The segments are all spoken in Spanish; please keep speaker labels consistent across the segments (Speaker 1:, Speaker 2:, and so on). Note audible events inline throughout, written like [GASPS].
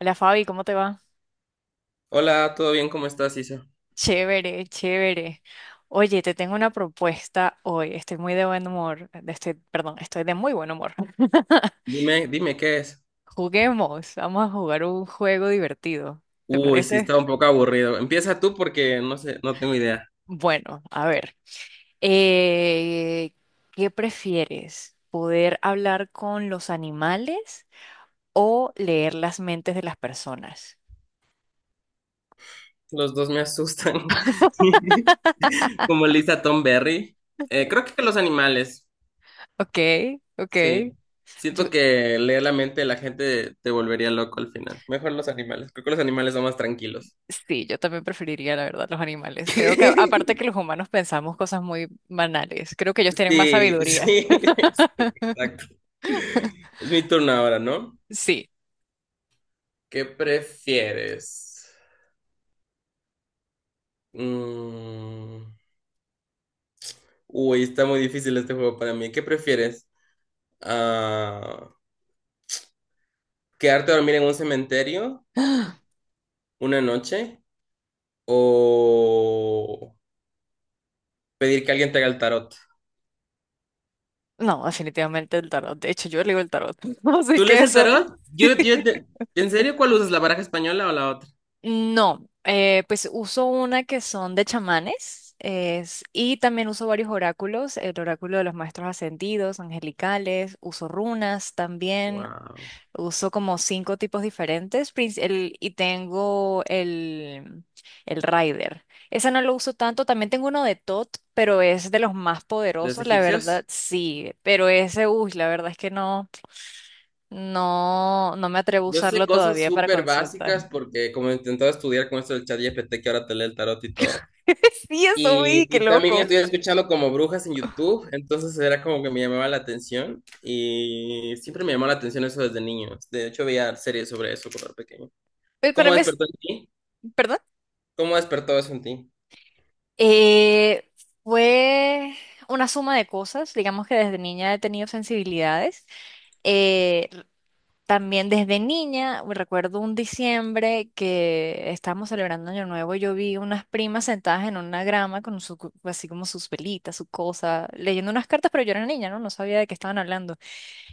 Speaker 1: Hola Fabi, ¿cómo te va?
Speaker 2: Hola, ¿todo bien? ¿Cómo estás, Isa?
Speaker 1: Chévere, chévere. Oye, te tengo una propuesta hoy. Estoy muy de buen humor. Estoy, perdón, estoy de muy buen humor. [LAUGHS]
Speaker 2: Dime qué es.
Speaker 1: Juguemos, vamos a jugar un juego divertido. ¿Te
Speaker 2: Uy, sí,
Speaker 1: parece?
Speaker 2: está un poco aburrido. Empieza tú porque no sé, no tengo idea.
Speaker 1: Bueno, a ver. eh, ¿Qué prefieres? ¿Poder hablar con los animales o leer las mentes de las personas?
Speaker 2: Los dos me asustan. [LAUGHS] Como Lisa Tomberry. Creo que los animales,
Speaker 1: Ok, ok.
Speaker 2: sí.
Speaker 1: Yo
Speaker 2: Siento que leer la mente de la gente te volvería loco al final. Mejor los animales. Creo que los animales son más tranquilos.
Speaker 1: Sí, yo también preferiría, la verdad, los animales. Creo que aparte que
Speaker 2: [LAUGHS]
Speaker 1: los humanos pensamos cosas muy banales, creo que ellos tienen más
Speaker 2: Sí,
Speaker 1: sabiduría.
Speaker 2: sí, [LAUGHS] sí, exacto. Es mi turno ahora, ¿no?
Speaker 1: Sí.
Speaker 2: ¿Qué prefieres? Mm. Uy, está muy difícil este juego para mí. ¿Qué prefieres? Ah, ¿Quedarte a dormir en un cementerio
Speaker 1: [GASPS]
Speaker 2: una noche o pedir que alguien te haga el tarot?
Speaker 1: No, definitivamente el tarot. De hecho, yo leo el tarot. [LAUGHS] Así
Speaker 2: ¿Tú
Speaker 1: que
Speaker 2: lees el
Speaker 1: eso.
Speaker 2: tarot?
Speaker 1: [LAUGHS]
Speaker 2: ¿En serio cuál usas? ¿La baraja española o la otra?
Speaker 1: No, pues uso una que son de chamanes y también uso varios oráculos, el oráculo de los maestros ascendidos, angelicales, uso runas también.
Speaker 2: Wow.
Speaker 1: Uso como cinco tipos diferentes y tengo el Rider. Ese no lo uso tanto. También tengo uno de Tot, pero es de los más
Speaker 2: ¿De los
Speaker 1: poderosos, la verdad,
Speaker 2: egipcios?
Speaker 1: sí. Pero ese, uy, la verdad es que no, no, no me atrevo a
Speaker 2: Yo sé
Speaker 1: usarlo
Speaker 2: cosas
Speaker 1: todavía para
Speaker 2: súper
Speaker 1: consulta.
Speaker 2: básicas porque como he intentado estudiar con esto del ChatGPT que ahora te lee el tarot y todo.
Speaker 1: [LAUGHS] Sí, eso vi,
Speaker 2: Y,
Speaker 1: qué
Speaker 2: y también
Speaker 1: loco.
Speaker 2: estoy escuchando como brujas en YouTube, entonces era como que me llamaba la atención y siempre me llamó la atención eso desde niño. De hecho, veía series sobre eso cuando era pequeño.
Speaker 1: Pero para
Speaker 2: ¿Cómo
Speaker 1: mí es,
Speaker 2: despertó en ti?
Speaker 1: ¿perdón?
Speaker 2: ¿Cómo despertó eso en ti?
Speaker 1: Eh, fue una suma de cosas. Digamos que desde niña he tenido sensibilidades. eh, También desde niña, recuerdo un diciembre que estábamos celebrando Año Nuevo, yo vi unas primas sentadas en una grama con su, cu- así como sus velitas, su cosa, leyendo unas cartas, pero yo era niña, ¿no? No sabía de qué estaban hablando.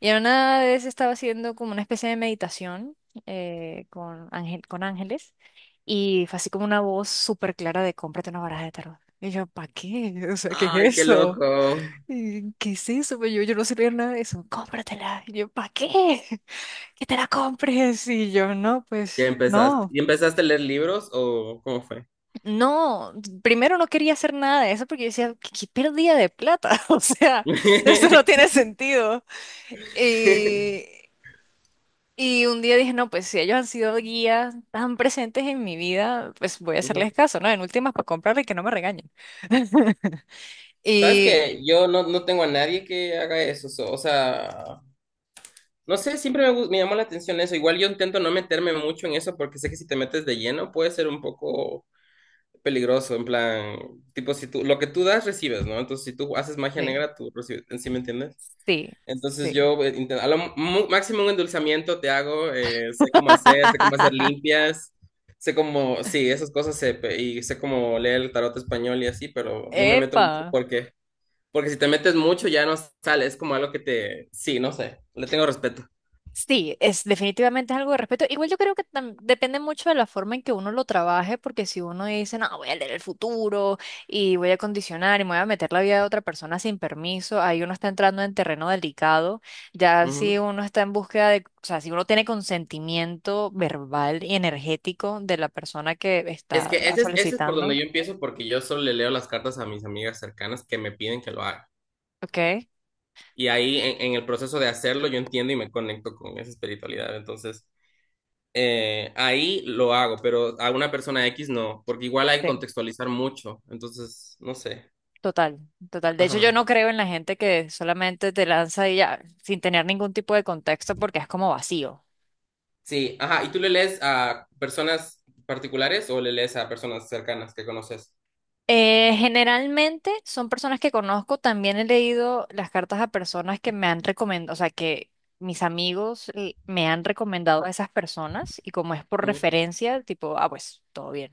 Speaker 1: Y en una vez estaba haciendo como una especie de meditación con ángeles, y fue así como una voz súper clara de cómprate una baraja de tarot. Y yo, ¿para qué? [LAUGHS] O sea, ¿qué
Speaker 2: Ay,
Speaker 1: es
Speaker 2: qué
Speaker 1: eso?
Speaker 2: loco.
Speaker 1: Y, ¿qué es eso? Pues yo no sé leer nada de eso. Cómpratela. Y yo, ¿para qué? Que te la compres. Y yo, no,
Speaker 2: Ya
Speaker 1: pues
Speaker 2: empezaste.
Speaker 1: no,
Speaker 2: ¿Y empezaste a leer libros o cómo fue?
Speaker 1: no. Primero no quería hacer nada de eso porque yo decía, qué pérdida de plata. [LAUGHS] O sea, esto no
Speaker 2: [LAUGHS]
Speaker 1: tiene sentido. Y, y un día dije, no, pues si ellos han sido guías tan presentes en mi vida, pues voy a
Speaker 2: Ujú.
Speaker 1: hacerles caso, ¿no? En últimas, para comprarle y que no me regañen. [LAUGHS]
Speaker 2: ¿Sabes
Speaker 1: Y
Speaker 2: que yo no tengo a nadie que haga eso, o sea, no sé, siempre me, me llamó la atención eso, igual yo intento no meterme mucho en eso porque sé que si te metes de lleno puede ser un poco peligroso, en plan, tipo, si tú, lo que tú das, recibes, ¿no? Entonces, si tú haces magia
Speaker 1: sí,
Speaker 2: negra, tú recibes, ¿sí me entiendes?
Speaker 1: sí,
Speaker 2: Entonces,
Speaker 1: sí.
Speaker 2: yo, a lo máximo un endulzamiento te hago, sé cómo hacer
Speaker 1: [LAUGHS]
Speaker 2: limpias, sé cómo, sí, esas cosas, sé, y sé cómo leer el tarot español y así, pero no me meto mucho
Speaker 1: ¡Epa!
Speaker 2: porque si te metes mucho ya no sale, es como algo que te, sí, no sé, le tengo respeto.
Speaker 1: Sí, es definitivamente es algo de respeto. Igual yo creo que depende mucho de la forma en que uno lo trabaje, porque si uno dice, no, voy a leer el futuro y voy a condicionar y me voy a meter la vida de otra persona sin permiso, ahí uno está entrando en terreno delicado. Ya si
Speaker 2: Ujú.
Speaker 1: uno está en búsqueda de, o sea, si uno tiene consentimiento verbal y energético de la persona que
Speaker 2: Es
Speaker 1: está
Speaker 2: que ese es por donde
Speaker 1: solicitando,
Speaker 2: yo empiezo porque yo solo le leo las cartas a mis amigas cercanas que me piden que lo haga.
Speaker 1: ¿ok?
Speaker 2: Y ahí en el proceso de hacerlo yo entiendo y me conecto con esa espiritualidad. Entonces, ahí lo hago, pero a una persona X no, porque igual hay que
Speaker 1: Sí.
Speaker 2: contextualizar mucho. Entonces, no sé.
Speaker 1: Total, total. De hecho,
Speaker 2: Ajá.
Speaker 1: yo no creo en la gente que solamente te lanza y ya, sin tener ningún tipo de contexto, porque es como vacío.
Speaker 2: Sí, ajá. ¿Y tú le lees a personas particulares o le lees a personas cercanas que conoces?
Speaker 1: Generalmente son personas que conozco, también he leído las cartas a personas que me han recomendado, o sea, que mis amigos me han recomendado a esas personas y como es por
Speaker 2: Ujú.
Speaker 1: referencia, tipo, ah, pues todo bien.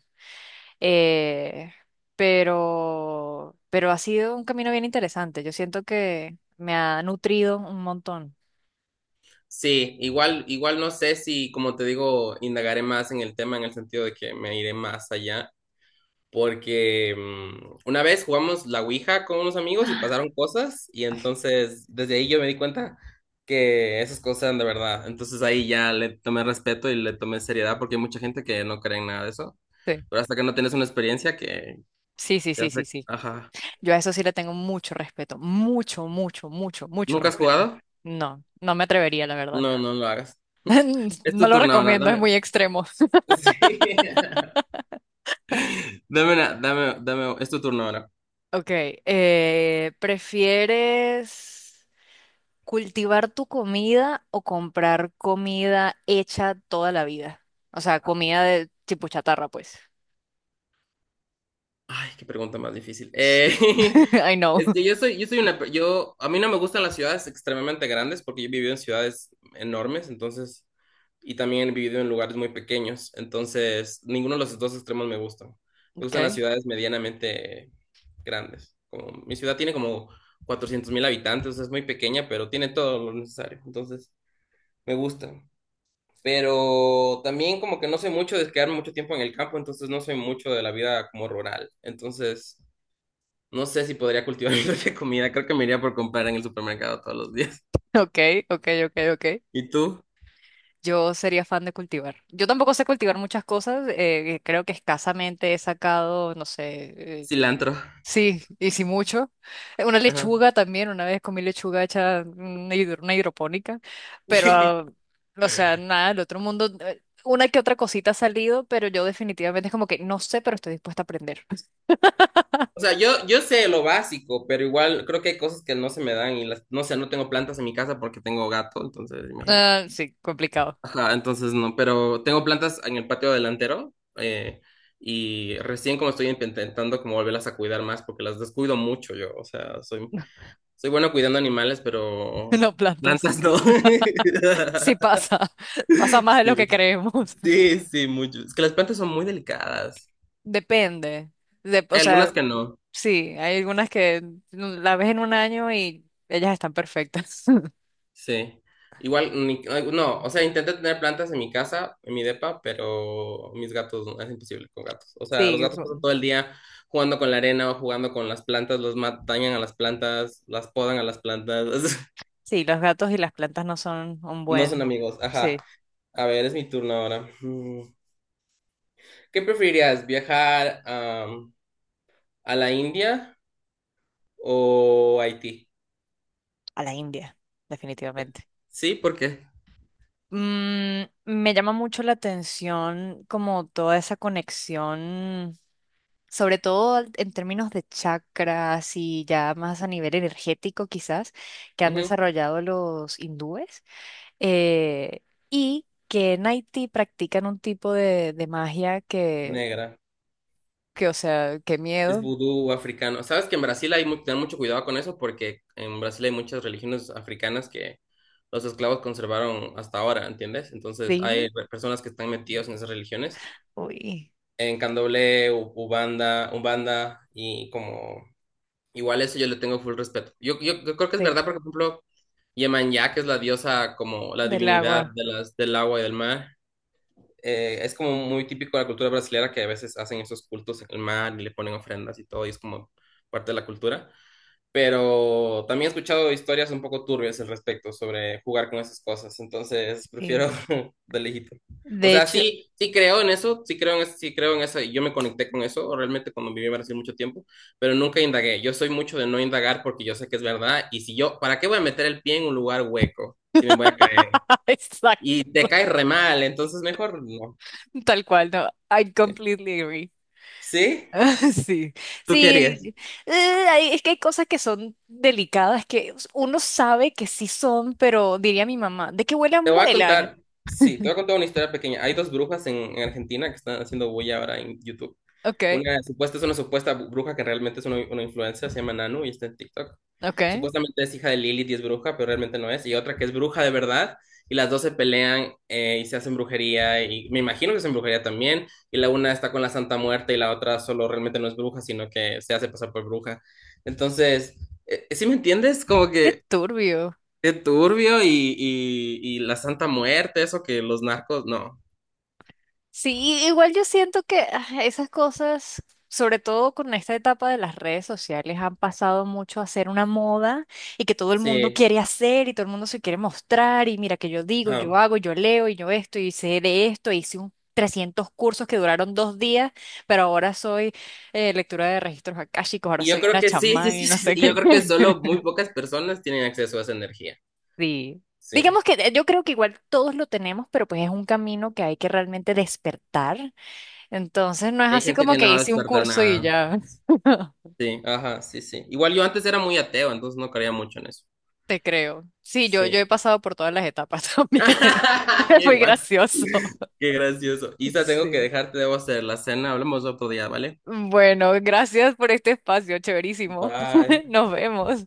Speaker 1: Eh, pero ha sido un camino bien interesante, yo siento que me ha nutrido un montón.
Speaker 2: Sí, igual, igual no sé si, como te digo, indagaré más en el tema en el sentido de que me iré más allá porque una vez jugamos la Ouija con unos amigos y pasaron cosas y
Speaker 1: [LAUGHS]
Speaker 2: entonces desde ahí yo me di cuenta que esas cosas eran de verdad. Entonces ahí ya le tomé respeto y le tomé seriedad porque hay mucha gente que no cree en nada de eso. Pero hasta que no tienes una experiencia que
Speaker 1: Sí, sí,
Speaker 2: te
Speaker 1: sí,
Speaker 2: hace...
Speaker 1: sí, sí. Sí.
Speaker 2: Ajá.
Speaker 1: Yo a eso sí le tengo mucho respeto, mucho, mucho, mucho, mucho
Speaker 2: ¿Nunca has
Speaker 1: respeto.
Speaker 2: jugado?
Speaker 1: No, no me atrevería, la verdad.
Speaker 2: No, no lo hagas. [LAUGHS]
Speaker 1: [LAUGHS]
Speaker 2: Es
Speaker 1: No
Speaker 2: tu
Speaker 1: lo
Speaker 2: turno ahora,
Speaker 1: recomiendo, es
Speaker 2: dame.
Speaker 1: muy extremo.
Speaker 2: [LAUGHS] Sí. Dame, es tu turno ahora.
Speaker 1: Ok, ¿prefieres cultivar tu comida o comprar comida hecha toda la vida? O sea, comida de tipo chatarra, pues.
Speaker 2: Ay, qué pregunta más difícil.
Speaker 1: Sí.
Speaker 2: [LAUGHS]
Speaker 1: [LAUGHS] I know.
Speaker 2: Es que yo soy una, a mí no me gustan las ciudades extremadamente grandes porque yo he vivido en ciudades enormes, entonces, y también he vivido en lugares muy pequeños, entonces, ninguno de los dos extremos me gustan. Me gustan las
Speaker 1: Okay,
Speaker 2: ciudades medianamente grandes. Como, mi ciudad tiene como 400.000 habitantes, es muy pequeña, pero tiene todo lo necesario, entonces, me gusta. Pero también como que no soy mucho de quedarme mucho tiempo en el campo, entonces no soy mucho de la vida como rural, entonces... No sé si podría cultivar [LAUGHS] mi propia comida. Creo que me iría por comprar en el supermercado todos los días.
Speaker 1: okay, okay, okay, okay.
Speaker 2: ¿Y tú?
Speaker 1: Yo sería fan de cultivar. Yo tampoco sé cultivar muchas cosas. Creo que escasamente he sacado, no sé,
Speaker 2: Cilantro.
Speaker 1: sí, y sí mucho. Una
Speaker 2: Ajá.
Speaker 1: lechuga también, una vez comí lechuga hecha una hidropónica, pero, ah,
Speaker 2: [LAUGHS]
Speaker 1: o sea, nada, el otro mundo, una que otra cosita ha salido, pero yo definitivamente es como que no sé, pero estoy dispuesta a aprender.
Speaker 2: O sea, yo sé lo básico, pero igual creo que hay cosas que no se me dan y las, no sé, no tengo plantas en mi casa porque tengo gato, entonces imagínate.
Speaker 1: Ah, sí, complicado.
Speaker 2: Ajá, entonces no, pero tengo plantas en el patio delantero y recién como estoy intentando como volverlas a cuidar más porque las descuido mucho yo, o sea, soy, soy bueno cuidando animales,
Speaker 1: [LAUGHS]
Speaker 2: pero
Speaker 1: Las plantas.
Speaker 2: plantas no.
Speaker 1: Sí
Speaker 2: [LAUGHS]
Speaker 1: pasa, [LAUGHS] pasa más de lo
Speaker 2: Sí,
Speaker 1: que creemos.
Speaker 2: sí, sí, mucho. Es que las plantas son muy delicadas.
Speaker 1: Depende. O
Speaker 2: Hay algunas
Speaker 1: sea,
Speaker 2: que no,
Speaker 1: sí, hay algunas que la ves en un año y ellas están perfectas. [LAUGHS]
Speaker 2: sí. Igual, ay, no, o sea, intenté tener plantas en mi casa, en mi depa, pero mis gatos, no, es imposible con gatos. O sea, los
Speaker 1: Sí.
Speaker 2: gatos pasan todo el día jugando con la arena o jugando con las plantas, los dañan a las plantas, las podan a las plantas. [LAUGHS]
Speaker 1: Sí, los gatos y las plantas no son un
Speaker 2: No son
Speaker 1: buen,
Speaker 2: amigos, ajá.
Speaker 1: sí,
Speaker 2: A ver, es mi turno ahora. Mm. ¿Qué preferirías, viajar a la India o a Haití?
Speaker 1: a la India, definitivamente.
Speaker 2: Sí, ¿por qué?
Speaker 1: Mm, me llama mucho la atención como toda esa conexión, sobre todo al- en términos de chakras y ya más a nivel energético quizás, que han desarrollado los hindúes, eh, y que en Haití practican un tipo de magia
Speaker 2: Negra.
Speaker 1: que, o sea, qué
Speaker 2: Es
Speaker 1: miedo.
Speaker 2: vudú africano. Sabes que en Brasil hay ten mucho cuidado con eso porque en Brasil hay muchas religiones africanas que los esclavos conservaron hasta ahora, ¿entiendes? Entonces hay
Speaker 1: Sí,
Speaker 2: personas que están metidas en esas religiones.
Speaker 1: uy,
Speaker 2: En Candomblé, Ubanda, Umbanda y como... Igual eso yo le tengo full respeto. Yo creo que es
Speaker 1: sí,
Speaker 2: verdad, porque, por ejemplo, Yemanjá, que es la diosa como la
Speaker 1: del
Speaker 2: divinidad
Speaker 1: agua.
Speaker 2: de las, del agua y del mar. Es como muy típico de la cultura brasileña que a veces hacen esos cultos en el mar y le ponen ofrendas y todo, y es como parte de la cultura. Pero también he escuchado historias un poco turbias al respecto sobre jugar con esas cosas, entonces prefiero
Speaker 1: Sí.
Speaker 2: [LAUGHS] de lejito. O
Speaker 1: De
Speaker 2: sea,
Speaker 1: hecho,
Speaker 2: sí, sí creo en eso, sí creo en eso, sí creo en eso, y yo me conecté con eso realmente cuando viví en Brasil mucho tiempo, pero nunca indagué. Yo soy mucho de no indagar porque yo sé que es verdad, y si yo, ¿para qué voy a meter el pie en un lugar hueco si me voy a caer?
Speaker 1: [LAUGHS] exacto,
Speaker 2: Y te caes re mal, entonces mejor no.
Speaker 1: tal cual, no, I
Speaker 2: Sí.
Speaker 1: completely agree.
Speaker 2: Sí.
Speaker 1: [LAUGHS] Sí,
Speaker 2: ¿Tú qué harías?
Speaker 1: sí, eh, hay- es que hay cosas que son delicadas que uno sabe que sí son, pero diría mi mamá, de que
Speaker 2: Te
Speaker 1: vuelan,
Speaker 2: voy a
Speaker 1: vuelan.
Speaker 2: contar. Sí, te voy
Speaker 1: [LAUGHS]
Speaker 2: a contar una historia pequeña. Hay dos brujas en Argentina que están haciendo bulla ahora en YouTube.
Speaker 1: Okay,
Speaker 2: Una supuesta bruja que realmente es una influencer, se llama Nanu y está en TikTok.
Speaker 1: okay.
Speaker 2: Supuestamente es hija de Lilith y es bruja, pero realmente no es. Y otra que es bruja de verdad, y las dos se pelean y se hacen brujería, y me imagino que hacen brujería también. Y la una está con la Santa Muerte y la otra solo realmente no es bruja, sino que se hace pasar por bruja. Entonces, ¿sí me entiendes? Como
Speaker 1: Qué
Speaker 2: que...
Speaker 1: turbio.
Speaker 2: Qué turbio y la Santa Muerte, eso que los narcos, no.
Speaker 1: Sí, igual yo siento que ah, esas cosas, sobre todo con esta etapa de las redes sociales, han pasado mucho a ser una moda y que todo el mundo
Speaker 2: Sí.
Speaker 1: quiere hacer y todo el mundo se quiere mostrar y mira que yo digo, yo
Speaker 2: Ajá.
Speaker 1: hago, yo leo y yo esto y sé de esto, e hice un 300 cursos que duraron 2 días, pero ahora soy lectura de registros akáshicos, ahora
Speaker 2: Y yo
Speaker 1: soy
Speaker 2: creo
Speaker 1: una
Speaker 2: que sí, sí,
Speaker 1: chamán
Speaker 2: sí,
Speaker 1: y no
Speaker 2: sí, sí,
Speaker 1: sé
Speaker 2: y yo
Speaker 1: qué.
Speaker 2: creo que solo muy
Speaker 1: [LAUGHS]
Speaker 2: pocas personas tienen acceso a esa energía.
Speaker 1: Sí.
Speaker 2: Sí.
Speaker 1: Digamos que yo creo que igual todos lo tenemos, pero pues es un camino que hay que realmente despertar, entonces no es
Speaker 2: Hay
Speaker 1: así
Speaker 2: gente
Speaker 1: como
Speaker 2: que no
Speaker 1: que hice un
Speaker 2: va
Speaker 1: curso y
Speaker 2: nada.
Speaker 1: ya. [LAUGHS]
Speaker 2: Sí, ajá, sí, sí. Igual yo antes era muy ateo, entonces no creía mucho en eso.
Speaker 1: Te creo. Sí, yo he
Speaker 2: Sí.
Speaker 1: pasado por todas las etapas [LAUGHS] también.
Speaker 2: [LAUGHS]
Speaker 1: Es muy
Speaker 2: Igual.
Speaker 1: gracioso.
Speaker 2: Qué gracioso. Isa, tengo que
Speaker 1: Sí.
Speaker 2: dejarte, debo hacer la cena. Hablamos otro día, ¿vale?
Speaker 1: Bueno, gracias por este espacio, chéverísimo.
Speaker 2: Bye.
Speaker 1: [LAUGHS] Nos vemos.